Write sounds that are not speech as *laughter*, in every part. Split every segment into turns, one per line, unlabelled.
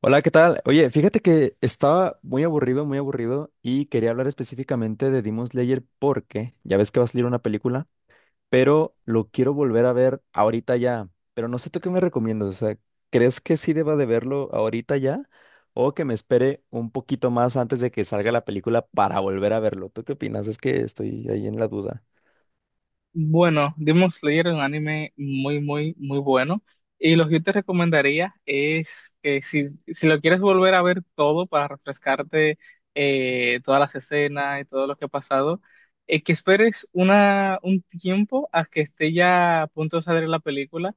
Hola, ¿qué tal? Oye, fíjate que estaba muy, aburrido, muy aburrido y quería hablar específicamente de Demon Slayer porque ya ves que va a salir una película, pero lo quiero volver a ver ahorita ya. Pero no sé tú qué me recomiendas, o sea, ¿crees que sí deba de verlo ahorita ya o que me espere un poquito más antes de que salga la película para volver a verlo? ¿Tú qué opinas? Es que estoy ahí en la duda.
Bueno, Demon Slayer es un anime muy, muy, muy bueno. Y lo que yo te recomendaría es que si lo quieres volver a ver todo para refrescarte todas las escenas y todo lo que ha pasado, que esperes un tiempo a que esté ya a punto de salir la película,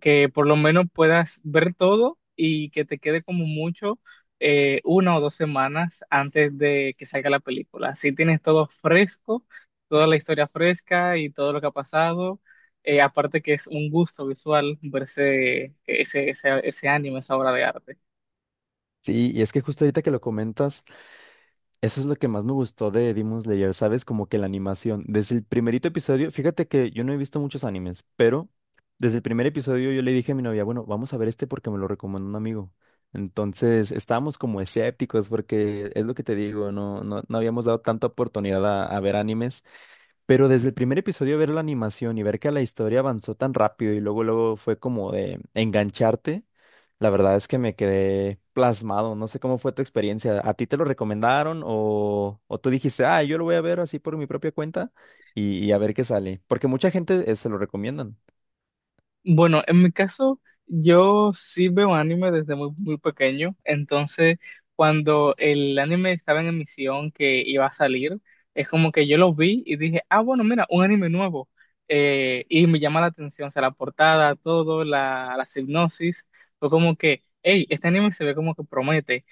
que por lo menos puedas ver todo y que te quede como mucho 1 o 2 semanas antes de que salga la película. Así tienes todo fresco, toda la historia fresca y todo lo que ha pasado. Aparte que es un gusto visual verse ese anime, esa obra de arte.
Sí, y es que justo ahorita que lo comentas. Eso es lo que más me gustó de Demon Slayer, ¿sabes? Como que la animación. Desde el primerito episodio, fíjate que yo no he visto muchos animes, pero desde el primer episodio yo le dije a mi novia, bueno, vamos a ver este porque me lo recomendó un amigo. Entonces estábamos como escépticos porque es lo que te digo, no, no, no habíamos dado tanta oportunidad a ver animes, pero desde el primer episodio ver la animación y ver que la historia avanzó tan rápido y luego luego fue como de engancharte, la verdad es que me quedé plasmado. No sé cómo fue tu experiencia. ¿A ti te lo recomendaron o tú dijiste, ah, yo lo voy a ver así por mi propia cuenta y a ver qué sale? Porque mucha gente se lo recomiendan.
Bueno, en mi caso, yo sí veo anime desde muy, muy pequeño, entonces cuando el anime estaba en emisión que iba a salir, es como que yo lo vi y dije, ah, bueno, mira, un anime nuevo. Y me llama la atención, o sea, la portada, todo, la sinopsis, fue como que, hey, este anime se ve como que promete.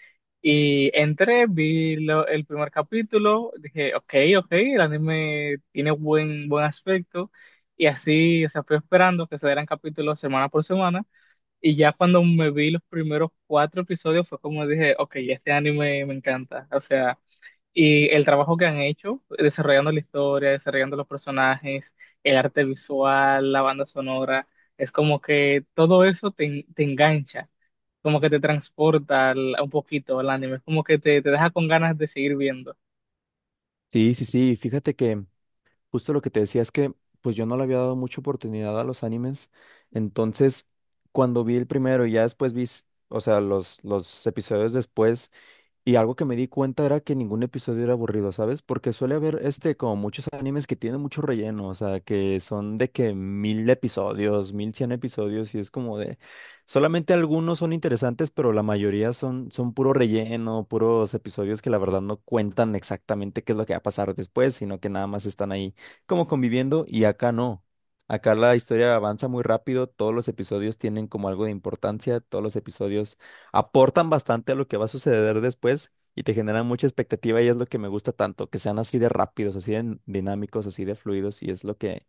Y entré, vi el primer capítulo, dije, ok, ok, el anime tiene buen aspecto. Y así, o sea, fui esperando que se dieran capítulos semana por semana. Y ya cuando me vi los primeros cuatro episodios fue como dije, ok, este anime me encanta. O sea, y el trabajo que han hecho, desarrollando la historia, desarrollando los personajes, el arte visual, la banda sonora, es como que todo eso te engancha, como que te transporta un poquito al anime, es como que te deja con ganas de seguir viendo.
Sí, sí, sí. Fíjate que justo lo que te decía es que pues yo no le había dado mucha oportunidad a los animes. Entonces, cuando vi el primero y ya después o sea, los episodios después. Y algo que me di cuenta era que ningún episodio era aburrido, ¿sabes? Porque suele haber este, como muchos animes que tienen mucho relleno, o sea, que son de que mil episodios, mil cien episodios, y es como de, solamente algunos son interesantes, pero la mayoría son, son puro relleno, puros episodios que la verdad no cuentan exactamente qué es lo que va a pasar después, sino que nada más están ahí como conviviendo, y acá no. Acá la historia avanza muy rápido, todos los episodios tienen como algo de importancia, todos los episodios aportan bastante a lo que va a suceder después y te generan mucha expectativa y es lo que me gusta tanto, que sean así de rápidos, así de dinámicos, así de fluidos y es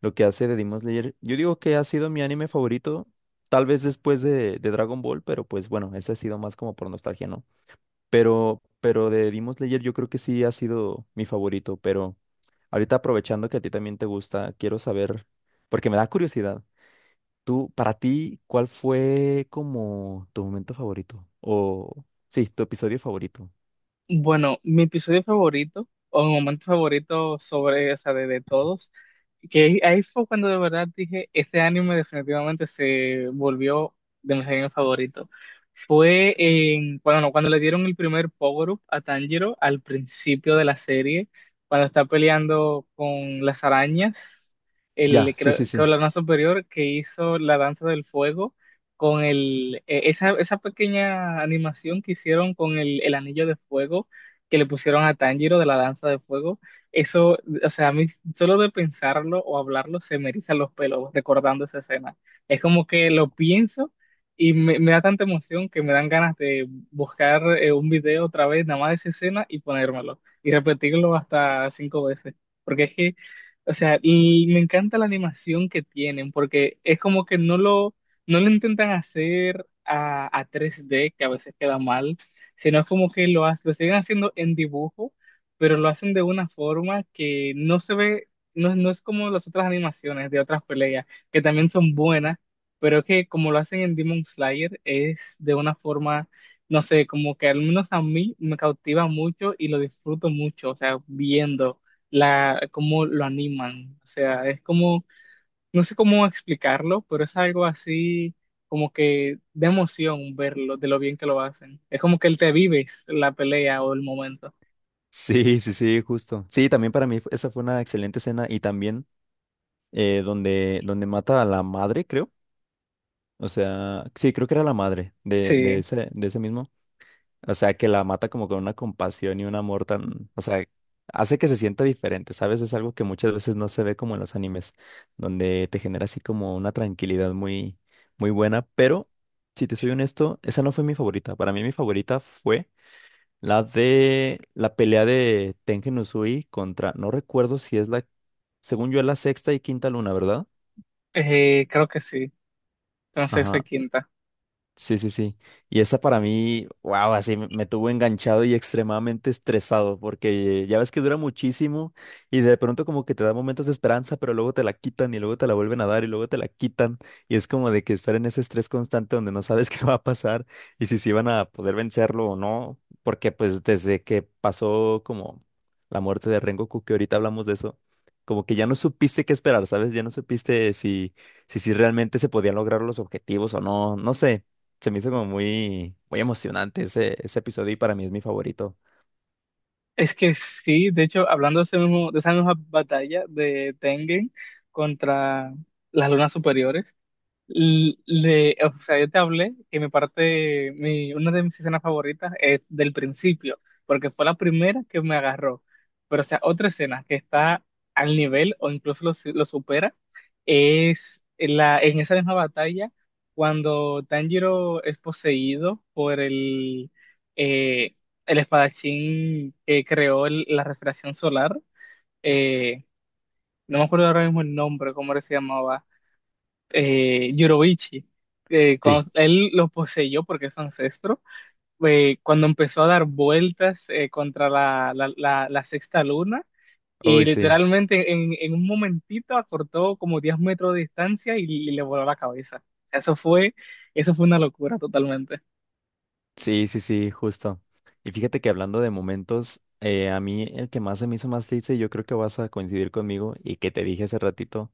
lo que hace de Demon Slayer. Yo digo que ha sido mi anime favorito, tal vez después de Dragon Ball, pero pues bueno, ese ha sido más como por nostalgia, ¿no? Pero de Demon Slayer yo creo que sí ha sido mi favorito, pero ahorita aprovechando que a ti también te gusta, quiero saber, porque me da curiosidad. Tú, para ti, ¿cuál fue como tu momento favorito? O sí, tu episodio favorito.
Bueno, mi episodio favorito, o mi momento favorito sobre, o sea, de todos, que ahí fue cuando de verdad dije, este anime definitivamente se volvió de mis animes favoritos. Fue en, bueno, no, cuando le dieron el primer power-up a Tanjiro al principio de la serie, cuando está peleando con las arañas, el,
Ya, sí,
creo
sí,
que
sí.
la superior que hizo la danza del fuego con esa pequeña animación que hicieron con el anillo de fuego que le pusieron a Tanjiro de la danza de fuego, eso, o sea, a mí solo de pensarlo o hablarlo se me erizan los pelos recordando esa escena. Es como que lo pienso y me da tanta emoción que me dan ganas de buscar un video otra vez, nada más de esa escena y ponérmelo y repetirlo hasta cinco veces. Porque es que, o sea, y me encanta la animación que tienen, porque es como que no lo intentan hacer a 3D, que a veces queda mal, sino es como que lo siguen haciendo en dibujo, pero lo hacen de una forma que no se ve, no, no es como las otras animaciones de otras peleas, que también son buenas, pero que como lo hacen en Demon Slayer, es de una forma, no sé, como que al menos a mí me cautiva mucho y lo disfruto mucho, o sea, viendo cómo lo animan, o sea, es como no sé cómo explicarlo, pero es algo así como que de emoción verlo, de lo bien que lo hacen. Es como que te vives la pelea o el momento.
Sí, sí, sí, justo. Sí, también para mí esa fue una excelente escena y también donde, donde mata a la madre, creo. O sea, sí, creo que era la madre
Sí,
de ese mismo. O sea, que la mata como con una compasión y un amor tan, o sea, hace que se sienta diferente, ¿sabes? Es algo que muchas veces no se ve como en los animes, donde te genera así como una tranquilidad muy, muy buena, pero si te soy honesto, esa no fue mi favorita. Para mí mi favorita fue la de la pelea de Tengen Uzui contra, no recuerdo si es la, según yo es la sexta y quinta luna, ¿verdad?
creo que sí. Entonces se
Ajá.
quinta.
Sí, sí, sí. Y esa para mí, wow, así me, me tuvo enganchado y extremadamente estresado, porque ya ves que dura muchísimo y de pronto como que te da momentos de esperanza, pero luego te la quitan y luego te la vuelven a dar y luego te la quitan. Y es como de que estar en ese estrés constante donde no sabes *laughs* qué va a pasar y si se van a poder vencerlo o no, porque pues desde que pasó como la muerte de Rengoku, que ahorita hablamos de eso, como que ya no supiste qué esperar, ¿sabes? Ya no supiste si realmente se podían lograr los objetivos o no, no sé. Se me hizo como muy, muy emocionante ese, ese episodio y para mí es mi favorito.
Es que sí, de hecho, hablando de, ese mismo, de esa misma batalla de Tengen contra las lunas superiores, o sea, yo te hablé que mi parte, una de mis escenas favoritas es del principio, porque fue la primera que me agarró. Pero, o sea, otra escena que está al nivel o incluso lo supera es en esa misma batalla cuando Tanjiro es poseído por eh, el espadachín que creó la refracción solar. Eh, no me acuerdo ahora mismo el nombre, cómo era que se llamaba Yurobichi,
Sí,
cuando él lo poseyó porque es su ancestro, cuando empezó a dar vueltas contra la sexta luna y
uy, sí,
literalmente en un momentito acortó como 10 metros de distancia y le voló la cabeza. O sea, eso fue una locura totalmente.
sí, sí, sí, justo. Y fíjate que hablando de momentos, a mí el que más se me hizo más triste, yo creo que vas a coincidir conmigo y que te dije hace ratito.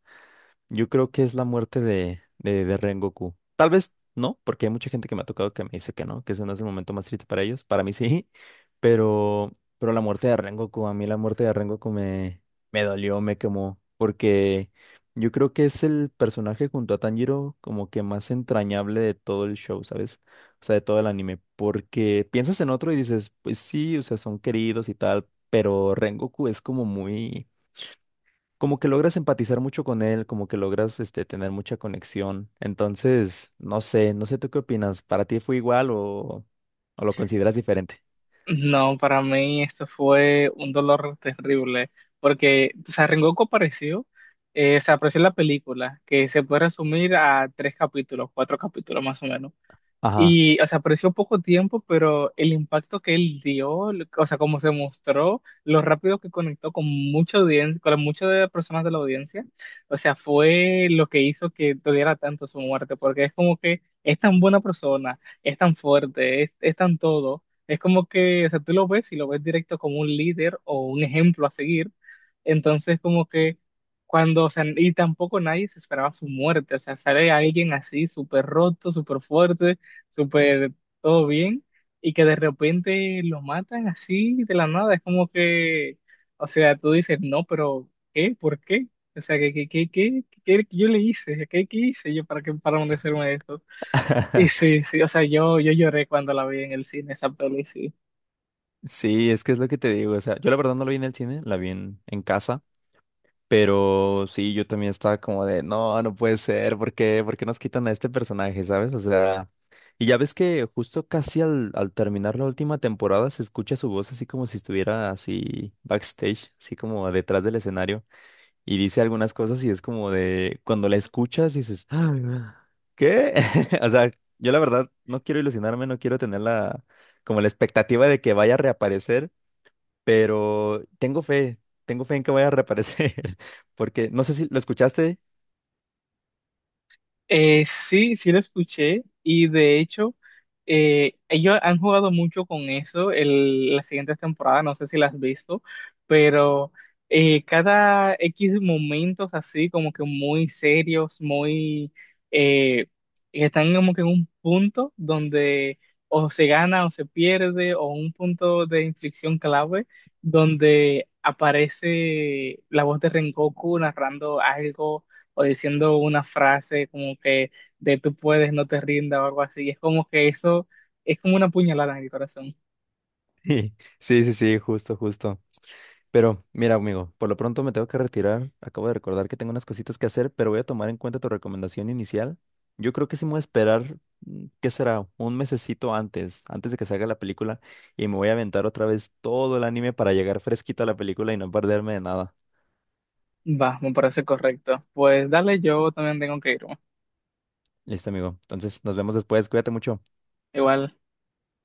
Yo creo que es la muerte de Rengoku. Tal vez no, porque hay mucha gente que me ha tocado que me dice que no, que ese no es el momento más triste para ellos. Para mí sí, *laughs* pero la muerte de Rengoku, a mí la muerte de Rengoku me, me dolió, me quemó, porque yo creo que es el personaje junto a Tanjiro como que más entrañable de todo el show, ¿sabes? O sea, de todo el anime, porque piensas en otro y dices, pues sí, o sea, son queridos y tal, pero Rengoku es como muy como que logras empatizar mucho con él, como que logras este, tener mucha conexión. Entonces, no sé, no sé tú qué opinas. ¿Para ti fue igual o lo consideras diferente?
No, para mí esto fue un dolor terrible porque o sea, Rengoku apareció. Se apareció en la película, que se puede resumir a tres capítulos, cuatro capítulos más o menos.
Ajá.
Y, o sea, apareció poco tiempo, pero el impacto que él dio, o sea, cómo se mostró, lo rápido que conectó con mucha audiencia, con muchas de las personas de la audiencia, o sea, fue lo que hizo que doliera tanto su muerte, porque es como que es tan buena persona, es tan fuerte, es tan todo, es como que, o sea, tú lo ves y lo ves directo como un líder o un ejemplo a seguir, entonces como que cuando, o sea, y tampoco nadie se esperaba su muerte, o sea, sale alguien así súper roto, súper fuerte, súper todo bien, y que de repente lo matan así de la nada. Es como que, o sea, tú dices, no, pero ¿qué? ¿Por qué? O sea, ¿qué yo le hice? ¿Qué hice yo para merecerme esto? Y
*laughs*
sí, sí, o sea, yo lloré cuando la vi en el cine, esa peli, sí.
Sí, es que es lo que te digo. O sea, yo la verdad no la vi en el cine, la vi en casa. Pero sí, yo también estaba como de, no, no puede ser, ¿por qué? ¿Por qué nos quitan a este personaje, sabes? O sea, y ya ves que justo casi al terminar la última temporada se escucha su voz así como si estuviera así backstage, así como detrás del escenario. Y dice algunas cosas y es como de, cuando la escuchas dices, "Ah, ah, ¿qué? *laughs* O sea, yo la verdad no quiero ilusionarme, no quiero tener la, como la expectativa de que vaya a reaparecer, pero tengo fe en que vaya a reaparecer, *laughs* porque no sé si lo escuchaste.
Sí, sí lo escuché y de hecho ellos han jugado mucho con eso las siguientes temporadas, no sé si las has visto, pero cada X momentos así como que muy serios, muy eh, que están como que en un punto donde o se gana o se pierde o un punto de inflexión clave donde aparece la voz de Rengoku narrando algo o diciendo una frase como que de tú puedes, no te rindas o algo así. Es como que eso es como una puñalada en el corazón.
Sí, sí, sí, sí, justo, justo. Pero mira, amigo, por lo pronto me tengo que retirar. Acabo de recordar que tengo unas cositas que hacer, pero voy a tomar en cuenta tu recomendación inicial. Yo creo que sí me voy a esperar, mm, ¿qué será? Un mesecito antes, antes de que salga la película, y me voy a aventar otra vez todo el anime para llegar fresquito a la película y no perderme de nada.
Va, me parece correcto. Pues dale, yo también tengo que irme.
Listo, amigo. Entonces, nos vemos después. Cuídate mucho.
Igual.